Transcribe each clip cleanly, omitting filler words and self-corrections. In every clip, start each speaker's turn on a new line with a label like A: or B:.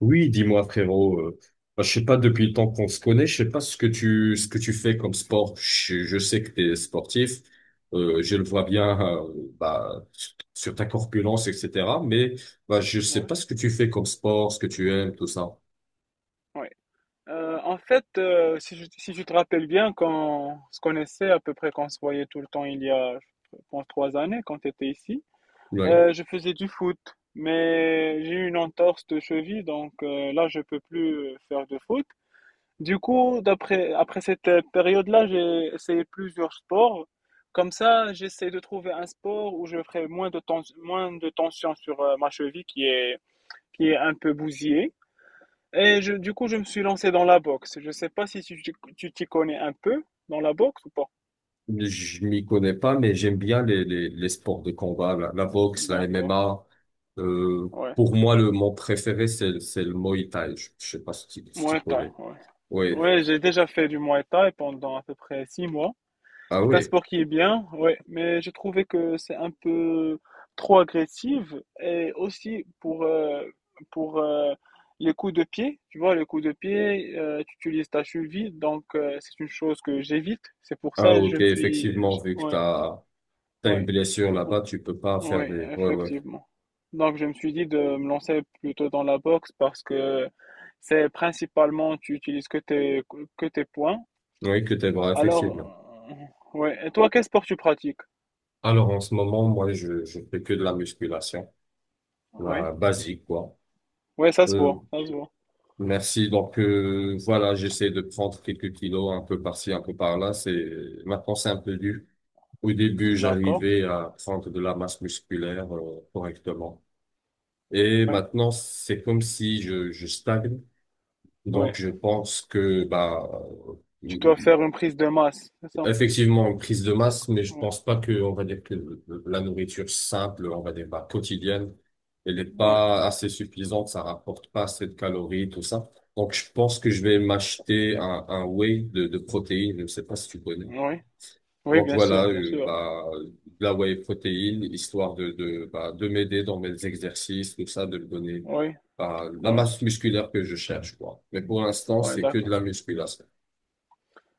A: Oui, dis-moi frérot, je sais pas depuis le temps qu'on se connaît, je sais pas ce que tu fais comme sport. Je sais que tu es sportif, je le vois bien sur ta corpulence, etc. Mais bah, je sais
B: Ouais,
A: pas ce que tu fais comme sport, ce que tu aimes, tout ça.
B: ouais. En fait, si je te rappelle bien, quand on se connaissait à peu près, quand se voyait tout le temps il y a, je pense, trois années, quand tu étais ici,
A: Ouais.
B: je faisais du foot, mais j'ai eu une entorse de cheville, donc là, je peux plus faire de foot. Du coup, après cette période-là, j'ai essayé plusieurs sports. Comme ça, j'essaie de trouver un sport où je ferai moins de tension sur ma cheville qui est un peu bousillée. Du coup, je me suis lancé dans la boxe. Je sais pas si tu t'y connais un peu dans la boxe ou pas.
A: Je m'y connais pas, mais j'aime bien les sports de combat, la boxe, la
B: D'accord,
A: MMA. Euh,
B: ouais.
A: pour moi, le mon préféré, c'est le Muay Thai. Je sais pas si tu
B: Muay Thai,
A: connais.
B: ouais.
A: Oui.
B: Ouais, j'ai déjà fait du Muay Thai pendant à peu près six mois.
A: Ah
B: C'est un
A: oui.
B: sport qui est bien, ouais, mais j'ai trouvé que c'est un peu trop agressif et aussi pour les coups de pied, tu vois, les coups de pied, tu utilises ta cheville, donc c'est une chose que j'évite. C'est pour
A: Ah,
B: ça que je
A: ok,
B: me suis,
A: effectivement,
B: j-
A: vu que
B: ouais,
A: t'as une
B: ouais,
A: blessure
B: c'est
A: là-bas,
B: pour,
A: tu peux pas faire
B: ouais,
A: des, ouais, ouais.
B: effectivement. Donc je me suis dit de me lancer plutôt dans la boxe parce que c'est principalement tu utilises que tes poings.
A: Oui, que tes bras, effectivement.
B: Alors, ouais. Et toi, quel sport tu pratiques?
A: Alors, en ce moment, moi, je fais que de la musculation,
B: Oui,
A: la basique, quoi.
B: ouais, ça se
A: Euh,
B: voit, ça se voit.
A: merci. Donc, voilà, j'essaie de prendre quelques kilos, un peu par-ci, un peu par-là. Maintenant, c'est un peu dur. Au début,
B: D'accord.
A: j'arrivais à prendre de la masse musculaire, correctement. Et
B: Ouais,
A: maintenant, c'est comme si je stagne. Donc,
B: ouais.
A: je pense que, bah,
B: Tu dois faire une prise de masse, c'est ça?
A: effectivement, une prise de masse, mais je
B: Oui,
A: pense pas que, on va dire que la nourriture simple, on va dire, bah, quotidienne, elle est
B: oui,
A: pas assez suffisante, ça rapporte pas assez de calories, tout ça. Donc, je pense que je vais m'acheter un whey de protéines, je ne sais pas si tu connais.
B: oui, Oui,
A: Donc
B: bien
A: voilà,
B: sûr, bien sûr.
A: de la whey protéine, histoire de m'aider dans mes exercices, tout ça, de me donner
B: Oui,
A: bah, la
B: oui,
A: masse musculaire que je cherche, quoi. Mais pour l'instant,
B: oui,
A: c'est que de
B: d'accord.
A: la musculation.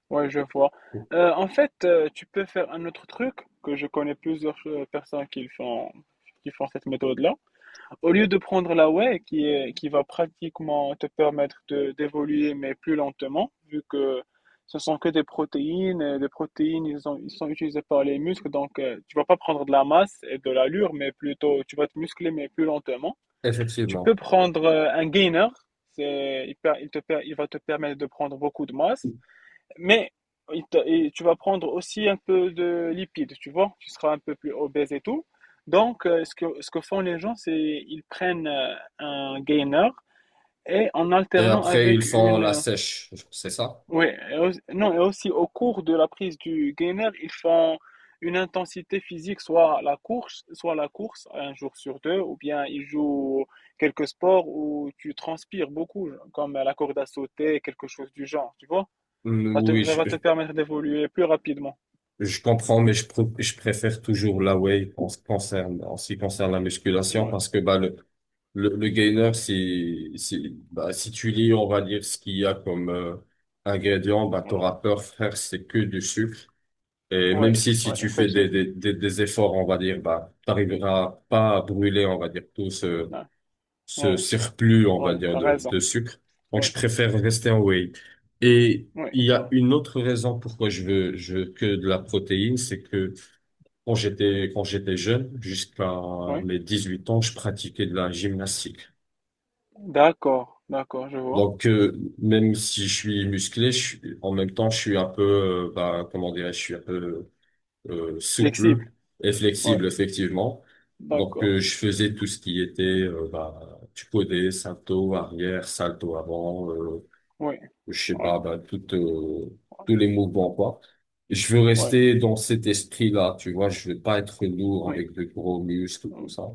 B: Oui, je vois. En fait, tu peux faire un autre truc que je connais plusieurs personnes qui le font, qui font cette méthode-là. Au lieu de prendre la whey qui va pratiquement te permettre de, d'évoluer, mais plus lentement, vu que ce sont que des protéines, et des protéines, ils sont utilisés par les muscles, donc tu vas pas prendre de la masse et de l'allure, mais plutôt, tu vas te muscler, mais plus lentement. Tu peux
A: Effectivement.
B: prendre un gainer, c'est, il, per- il te per- il va te permettre de prendre beaucoup de masse, mais et tu vas prendre aussi un peu de lipides, tu vois, tu seras un peu plus obèse et tout. Donc, ce que font les gens, c'est ils prennent un gainer et en
A: Et
B: alternant
A: après, ils
B: avec
A: font
B: une...
A: la sèche, c'est ça?
B: ouais, non, et aussi au cours de la prise du gainer, ils font une intensité physique, soit la course, un jour sur deux, ou bien ils jouent quelques sports où tu transpires beaucoup, comme la corde à sauter, quelque chose du genre, tu vois.
A: Mm, oui,
B: Ça va te permettre d'évoluer plus rapidement.
A: je comprends, mais je préfère toujours la whey en ce qui concerne, en ce qui concerne la musculation
B: Ouais,
A: parce que le gainer, bah, si tu lis, on va dire ce qu'il y a comme ingrédients, bah,
B: ouais,
A: t'auras peur, frère, c'est que du sucre. Et même
B: ouais,
A: si, si
B: ouais,
A: tu fais
B: effectivement.
A: des efforts, on va dire, bah, t'arriveras pas à brûler, on va dire,
B: Ouais,
A: ce
B: ouais,
A: surplus, on va
B: ouais,
A: dire,
B: t'as raison.
A: de sucre. Donc,
B: Ouais,
A: je préfère rester en whey. Et
B: ouais,
A: il y a
B: t'as-
A: une autre raison pourquoi je veux que de la protéine, c'est que quand j'étais jeune, jusqu'à
B: ouais.
A: mes 18 ans, je pratiquais de la gymnastique.
B: D'accord, d'accord, je vois.
A: Donc, même si je suis musclé, en même temps, je suis un peu, comment dirais-je, je suis un peu souple
B: Flexible.
A: et
B: Ouais,
A: flexible, effectivement. Donc,
B: d'accord.
A: je faisais tout ce qui était, tu connais, salto arrière, salto avant,
B: Ouais,
A: je sais
B: ouais,
A: pas, tous les mouvements, quoi. Je veux
B: ouais,
A: rester dans cet esprit-là, tu vois, je veux pas être lourd
B: ouais,
A: avec de gros muscles, tout
B: ouais,
A: ça.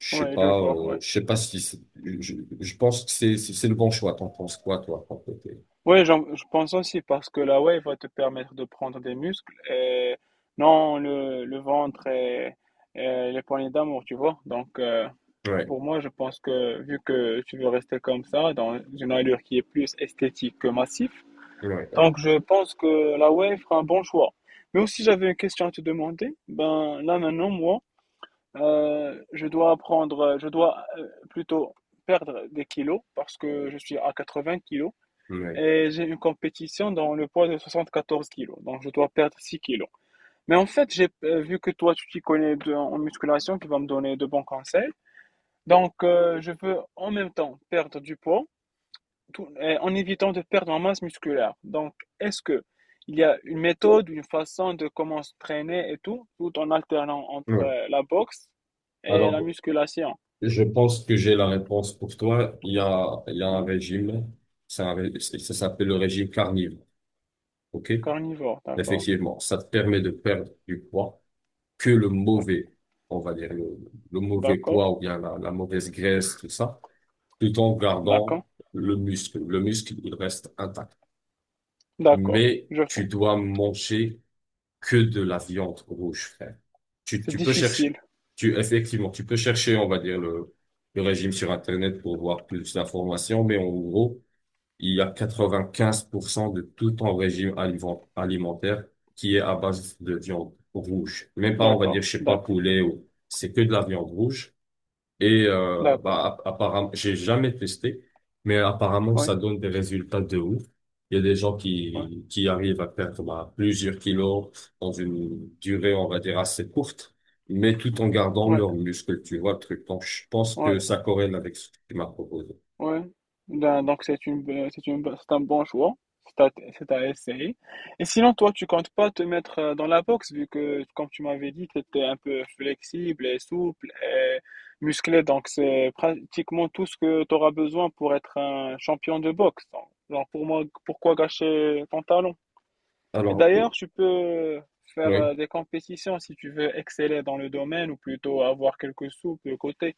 B: ouais, je vois. Ouais.
A: Je sais pas si c'est- je, je pense que c'est le bon choix. T'en penses quoi, toi, pour côté?
B: Ouais, j'en- je pense aussi parce que la wave va te permettre de prendre des muscles et non le, le ventre et les poignées d'amour, tu vois. Donc,
A: Ouais,
B: pour moi, je pense que vu que tu veux rester comme ça, dans une allure qui est plus esthétique que massif,
A: ouais,
B: donc je pense que la Wave fera un bon choix. Mais aussi, j'avais une question à te demander. Ben là maintenant, moi, je dois plutôt perdre des kilos parce que je suis à 80 kilos
A: ouais,
B: et j'ai une compétition dans le poids de 74 kilos, donc je dois perdre 6 kilos. Mais en fait, j'ai vu que toi, tu t'y connais en musculation, qui va me donner de bons conseils. Donc, je veux en même temps perdre du poids en évitant de perdre en masse musculaire. Donc, est-ce que il y a une méthode, une façon de comment se traîner et tout, tout en alternant entre
A: ouais.
B: la boxe et la
A: Alors,
B: musculation?
A: je pense que j'ai la réponse pour toi. Il y a un
B: Oui,
A: régime, c'est un ré- c'est- ça s'appelle le régime carnivore. OK?
B: carnivore, d'accord.
A: Effectivement, ça te permet de perdre du poids que le
B: Ouais.
A: mauvais, on va dire le mauvais
B: D'accord,
A: poids ou bien la mauvaise graisse, tout ça, tout en
B: d'accord,
A: gardant le muscle. Le muscle, il reste intact.
B: d'accord,
A: Mais
B: je
A: tu
B: vois.
A: dois manger que de la viande rouge, frère. Tu,
B: C'est
A: tu peux chercher,
B: difficile,
A: tu, effectivement, tu peux chercher, on va dire, le régime sur Internet pour voir plus d'informations, mais en gros, il y a 95% de tout ton régime alimentaire qui est à base de viande rouge. Même pas, on va dire,
B: d'accord,
A: je sais pas,
B: d'accord,
A: poulet ou, c'est que de la viande rouge. Et
B: d'accord.
A: apparemment, j'ai jamais testé, mais apparemment,
B: Oui,
A: ça donne des résultats de ouf. Il y a des gens
B: oui,
A: qui arrivent à perdre bah, plusieurs kilos dans une durée, on va dire, assez courte, mais tout en gardant
B: oui,
A: leurs muscles, tu vois, le truc. Donc, je pense que
B: oui.
A: ça corrèle avec ce que tu m'as proposé.
B: Ouais, ben, donc c'est un bon choix, c'est à, c'est à essayer. Et sinon, toi, tu comptes pas te mettre dans la boxe, vu que, comme tu m'avais dit, tu étais un peu flexible et souple et musclé, donc c'est pratiquement tout ce que tu auras besoin pour être un champion de boxe. Donc, genre, pour moi, pourquoi gâcher ton talent? Et
A: Alors,
B: d'ailleurs, tu peux faire
A: oui,
B: des compétitions si tu veux exceller dans le domaine ou plutôt avoir quelques sous de côté.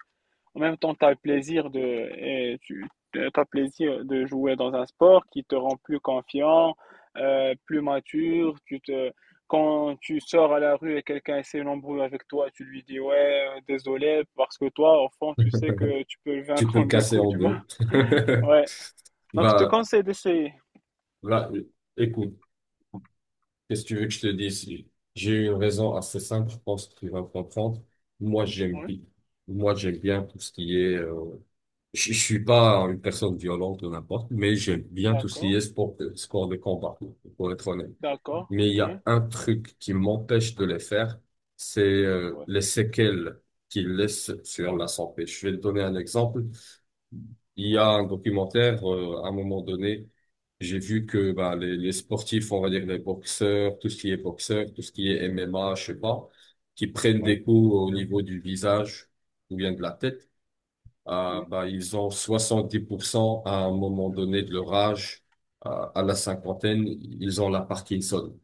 B: En même temps, tu as le plaisir de, et tu, t'as plaisir de jouer dans un sport qui te rend plus confiant, plus mature. Quand tu sors à la rue et quelqu'un essaie une embrouille avec toi, tu lui dis ouais, désolé, parce que toi, au fond, tu sais que tu peux le
A: tu
B: vaincre
A: peux me
B: en deux
A: casser
B: coups,
A: en
B: tu vois.
A: deux.
B: Ouais. Donc, je te
A: Bah,
B: conseille d'essayer.
A: là écoute. Qu'est-ce que tu veux que je te dise? J'ai une raison assez simple, je pense que tu vas comprendre. Moi, j'aime
B: Oui,
A: bien. Moi, j'aime bien tout ce qui est... je suis pas une personne violente ou n'importe, mais j'aime bien tout ce qui
B: d'accord,
A: est sport de combat, pour être honnête.
B: d'accord.
A: Mais il y
B: Oui,
A: a un truc qui m'empêche de les faire, c'est
B: oui,
A: les séquelles qu'ils laissent sur la santé. Je vais te donner un exemple. Il y a un documentaire, à un moment donné, j'ai vu que bah, les sportifs, on va dire les boxeurs, tout ce qui est boxeur, tout ce qui est MMA, je sais pas, qui prennent
B: oui,
A: des coups au niveau du visage ou bien de la tête, ah,
B: oui,
A: bah, ils ont 70% à un moment donné de leur âge, ah, à la cinquantaine, ils ont la Parkinson.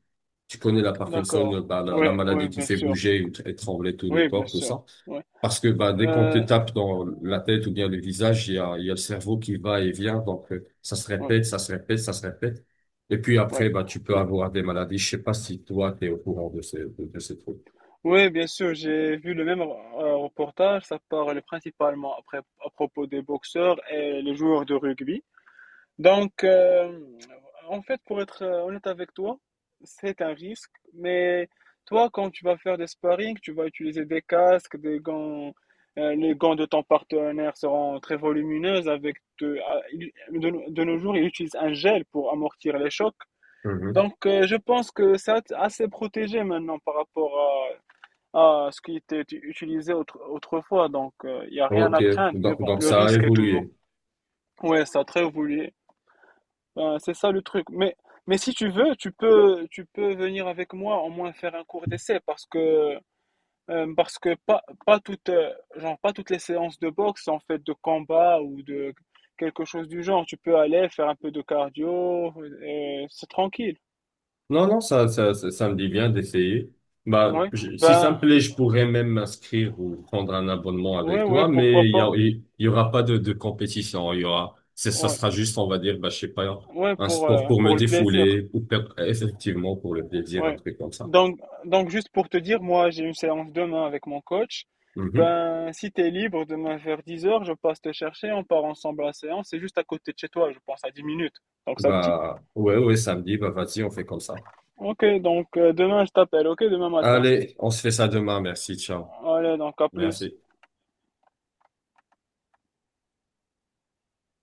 A: Tu connais la Parkinson,
B: d'accord.
A: bah,
B: Oui,
A: la
B: oui,
A: maladie qui
B: bien
A: fait
B: sûr.
A: bouger et trembler tout le
B: Oui, bien
A: corps, tout
B: sûr.
A: ça.
B: Oui,
A: Parce que bah, dès qu'on te
B: euh,
A: tape dans la tête ou bien le visage, il y a le cerveau qui va et vient. Donc, ça se
B: oui,
A: répète, ça se répète, ça se répète. Et puis
B: oui.
A: après, bah, tu peux avoir des maladies. Je sais pas si toi, tu es au courant de de ces trucs.
B: Oui, bien sûr, j'ai vu le même reportage. Ça parle principalement après, à propos des boxeurs et les joueurs de rugby. Donc, en fait, pour être honnête avec toi, c'est un risque. Mais toi, quand tu vas faire des sparring, tu vas utiliser des casques, des gants. Les gants de ton partenaire seront très volumineux. Avec de, ah, il- de nos jours, ils utilisent un gel pour amortir les chocs.
A: Mhm.
B: Donc, je pense que c'est assez protégé maintenant par rapport à ce qui était utilisé autrefois. Donc, il n'y a rien
A: Ok,
B: à craindre. Mais bon,
A: donc
B: le
A: ça a
B: risque est toujours.
A: évolué.
B: Ouais, ça a très voulu. C'est ça le truc. Mais si tu veux, tu peux venir avec moi au moins faire un cours d'essai parce que pas toutes, genre, pas toutes les séances de boxe sont faites de combat ou de quelque chose du genre. Tu peux aller faire un peu de cardio, c'est tranquille.
A: Non, non, ça me dit bien d'essayer.
B: Ouais,
A: Si ça me plaît,
B: ben,
A: je pourrais même m'inscrire ou prendre un abonnement
B: ouais,
A: avec
B: ouais,
A: toi,
B: pourquoi
A: mais
B: pas.
A: il y aura pas de compétition. Il y aura, c'est- Ça
B: Ouais,
A: sera juste, on va dire, bah, je sais pas,
B: ouais,
A: un sport pour me
B: pour le plaisir.
A: défouler ou effectivement pour le plaisir, un
B: Ouais.
A: truc comme ça.
B: Donc, donc juste pour te dire, moi j'ai une séance demain avec mon coach.
A: Mhm.
B: Ben, si t'es libre demain vers 10 heures, je passe te chercher, on part ensemble à la séance. C'est juste à côté de chez toi, je pense à 10 minutes. Donc ça te dit?
A: Bah, ouais, ouais, samedi, bah, vas-y, on fait comme ça.
B: Ok, donc demain je t'appelle, ok, demain matin.
A: Allez, on se fait ça demain. Merci, ciao.
B: Allez, donc à plus.
A: Merci.